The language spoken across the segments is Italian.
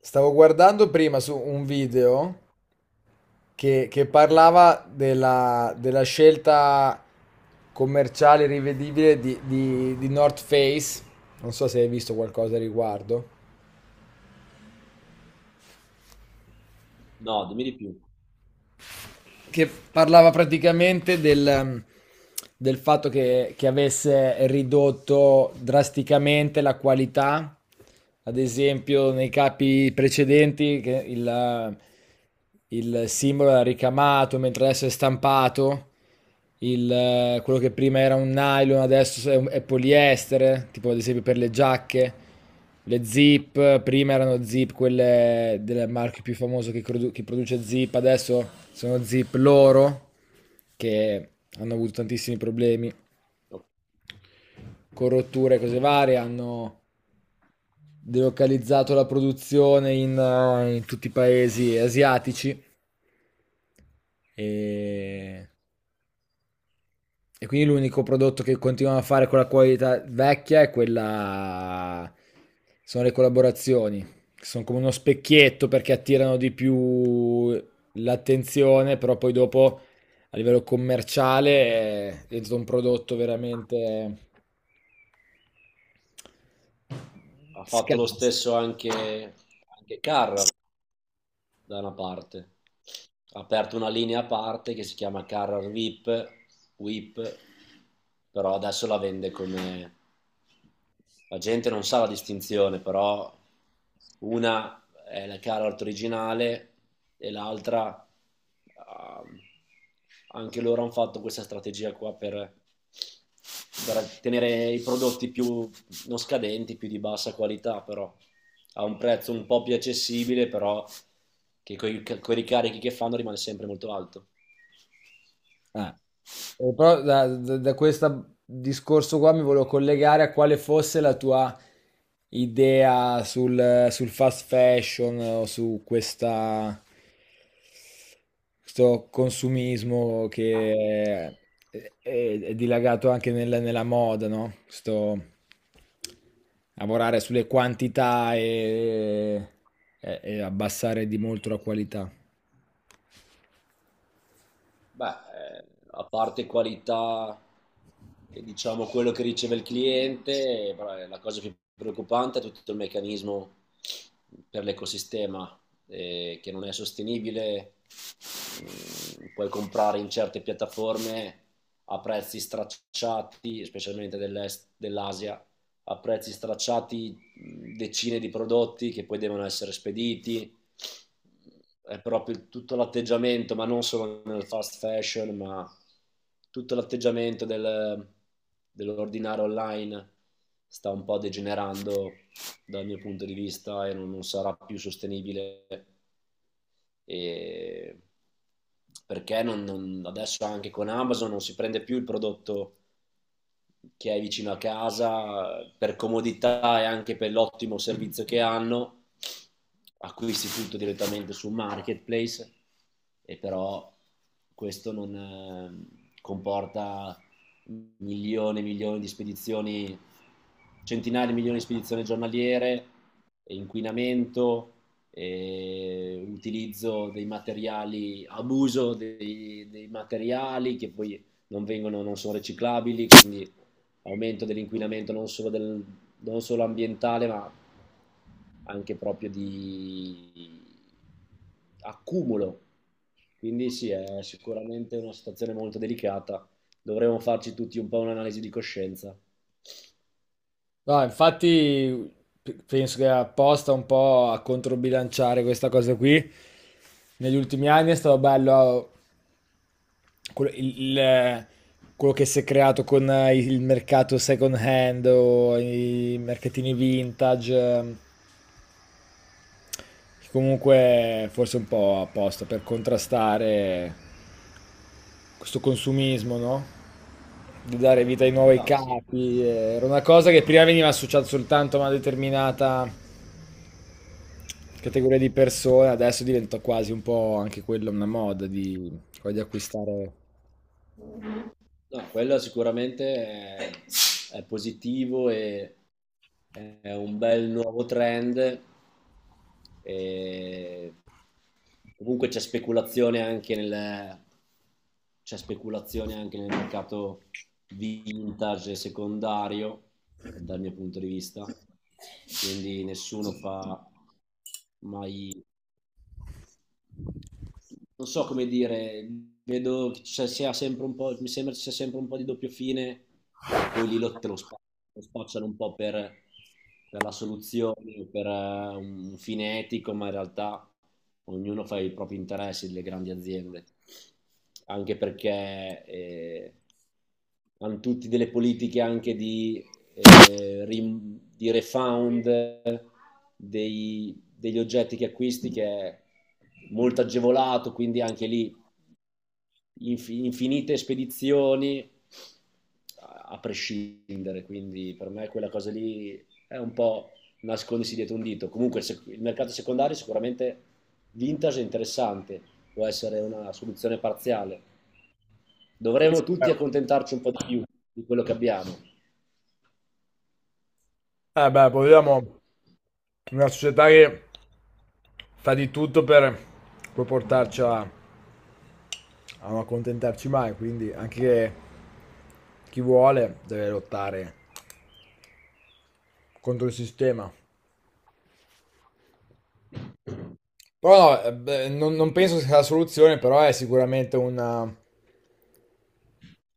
Stavo guardando prima su un video che parlava della scelta commerciale rivedibile di North Face. Non so se hai visto qualcosa a riguardo. No, dimmi di più. Che parlava praticamente del, del fatto che avesse ridotto drasticamente la qualità, ad esempio nei capi precedenti che il il simbolo era ricamato, mentre adesso è stampato, il quello che prima era un nylon adesso è, è poliestere, tipo ad esempio per le giacche. Le Zip, prima erano Zip quelle del marchio più famoso che, che produce Zip, adesso sono Zip loro, che hanno avuto tantissimi problemi con rotture e cose varie, hanno delocalizzato la produzione in, in tutti i paesi asiatici e. E quindi l'unico prodotto che continuano a fare con la qualità vecchia è quella, sono le collaborazioni, che sono come uno specchietto perché attirano di più l'attenzione, però poi dopo a livello commerciale è diventato un prodotto veramente Ha fatto lo scarso. stesso anche, anche Carrar da una parte. Ha aperto una linea a parte che si chiama Carrar VIP, WIP, però adesso la vende come... La gente non sa la distinzione, però una è la Carrar originale e l'altra... ah, anche loro hanno fatto questa strategia qua per tenere i prodotti più non scadenti, più di bassa qualità, però a un prezzo un po' più accessibile, però che con i ricarichi che fanno rimane sempre molto alto. Eh. Però da questo discorso qua mi volevo collegare a quale fosse la tua idea sul fast fashion o su questo consumismo che è dilagato nella moda, no? Questo lavorare sulle quantità e, e abbassare di molto la qualità. Beh, eh, A parte qualità e diciamo quello che riceve il cliente, però è la cosa più preoccupante è tutto il meccanismo per l'ecosistema che non è sostenibile. Mm, puoi comprare in certe piattaforme a prezzi stracciati, specialmente dell'est, dell'Asia, a prezzi stracciati decine di prodotti che poi devono essere spediti. È proprio tutto l'atteggiamento, ma non solo nel fast fashion, ma tutto l'atteggiamento del, dell'ordinare online sta un po' degenerando dal mio punto di vista e non sarà più sostenibile. E perché non, non, adesso anche con Amazon non si prende più il prodotto che hai vicino a casa per comodità e anche per l'ottimo servizio che hanno. Acquisti tutto direttamente su marketplace, e però questo non comporta milioni e milioni di spedizioni, centinaia di milioni di spedizioni giornaliere, inquinamento, e utilizzo dei materiali, abuso dei, dei materiali che poi non, vengono, non sono riciclabili, quindi aumento dell'inquinamento non solo ambientale, ma anche proprio di accumulo. Quindi sì, è sicuramente una situazione molto delicata. Dovremmo farci tutti un po' un'analisi di coscienza. No, infatti penso che apposta un po' a controbilanciare questa cosa qui. Negli ultimi anni è stato bello quello, il- il- quello che si è creato con il mercato second hand o i mercatini vintage, che comunque forse è un po' apposta per contrastare questo consumismo, no? Di dare vita ai nuovi No, sì. capi. Era una cosa che prima veniva associata soltanto a una determinata categoria di persone, adesso diventa quasi un po' anche quella una moda di, quella di acquistare. No, quello sicuramente è, è positivo e è un bel nuovo trend. E comunque c'è speculazione anche nel mercato vintage secondario, dal mio punto di vista. Quindi nessuno fa mai, non so come dire, vedo che ci sia sempre un po', mi sembra ci sia sempre un po' di doppio fine e poi lì lo, te lo, spa- lo spacciano un po' per la soluzione, per un fine etico, ma in realtà ognuno fa i propri interessi delle grandi aziende, anche perché hanno tutti delle politiche anche di, di refund degli oggetti che acquisti che è molto agevolato, quindi anche lì infinite spedizioni a-, a prescindere, quindi per me quella cosa lì è un po' nascondersi dietro un dito. Comunque se- il mercato secondario sicuramente vintage è interessante, può essere una soluzione parziale. Sì, Dovremmo sì, beh. tutti accontentarci un po' di più di quello che abbiamo. Eh beh, poi vediamo una società che fa di tutto per poi portarci a non accontentarci mai, quindi anche chi vuole deve lottare contro il sistema. Però no, beh, non penso sia la soluzione, però è sicuramente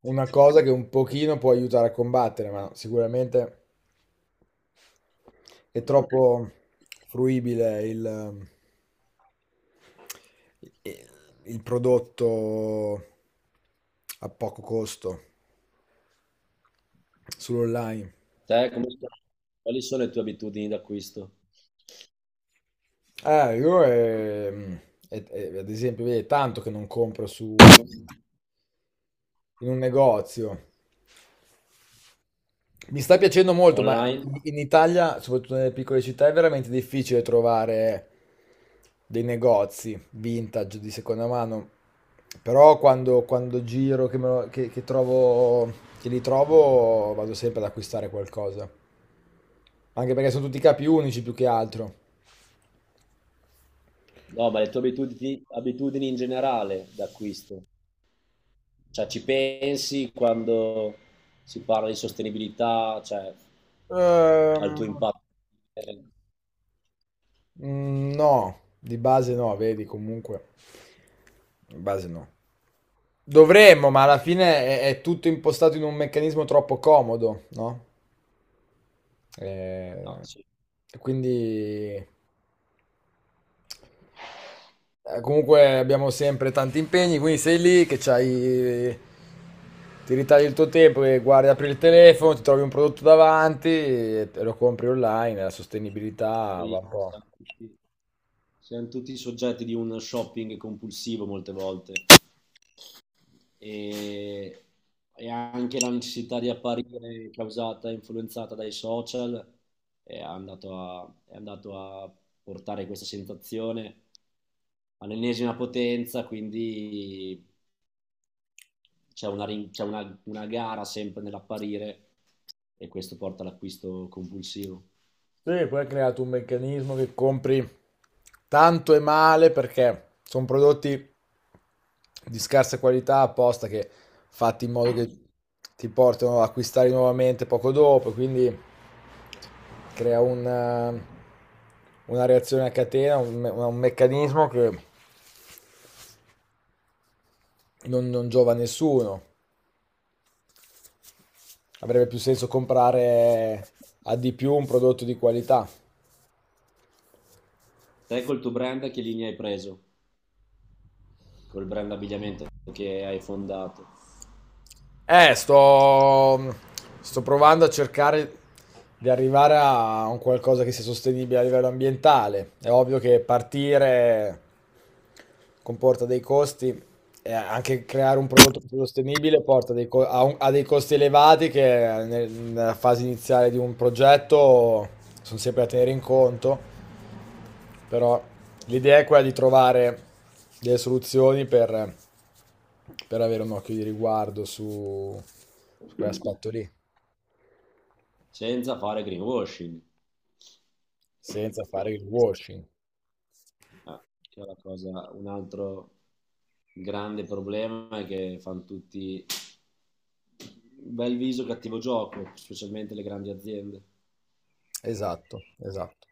una cosa che un pochino può aiutare a combattere, ma sicuramente è troppo fruibile il prodotto a poco costo sull'online. Te come- quali sono le tue abitudini d'acquisto? Io ad esempio, vedi, è tanto che non compro su in un negozio. Mi sta piacendo molto, ma Online? in Italia, soprattutto nelle piccole città, è veramente difficile trovare dei negozi vintage di seconda mano. Però quando giro, che, che trovo, che li trovo, vado sempre ad acquistare qualcosa. Anche perché sono tutti capi unici più che altro. No, ma le tue abitudini, abitudini in generale d'acquisto. Cioè, ci pensi quando si parla di sostenibilità, cioè, al tuo Ehm, impatto? Eh, no, di base no, vedi, comunque. Di base no. Dovremmo, ma alla fine è tutto impostato in un meccanismo troppo comodo, no? No, Eh. sì. E quindi comunque abbiamo sempre tanti impegni, quindi sei lì che c'hai, ti ritagli il tuo tempo e guardi, apri il telefono, ti trovi un prodotto davanti e te lo compri online, la E sostenibilità va poi un po'. Siamo tutti soggetti di un shopping compulsivo molte volte. E, e anche l'ansietà di apparire causata, e influenzata dai social, è andato a portare questa sensazione all'ennesima potenza, quindi c'è una, rin- c'è una gara sempre nell'apparire e questo porta all'acquisto compulsivo. Sì, poi hai creato un meccanismo che compri tanto e male perché sono prodotti di scarsa qualità apposta che fatti in modo che ti portano a acquistare nuovamente poco dopo, quindi crea un, una reazione a catena, un meccanismo che non giova a nessuno. Avrebbe più senso comprare a di più un prodotto di qualità. Te col tuo brand che linea hai preso? Col brand abbigliamento che hai fondato, Eh, sto, sto provando a cercare di arrivare a un qualcosa che sia sostenibile a livello ambientale. È ovvio che partire comporta dei costi e anche creare un prodotto più sostenibile porta dei co- a, un- a dei costi elevati che nella fase iniziale di un progetto sono sempre da tenere in conto. Però l'idea è quella di trovare delle soluzioni per avere un occhio di riguardo su quell'aspetto lì, senza fare greenwashing. senza fare il washing. Ah, che è la cosa- un altro grande problema è che fanno tutti bel viso, cattivo gioco, specialmente le grandi aziende. Esatto, esatto.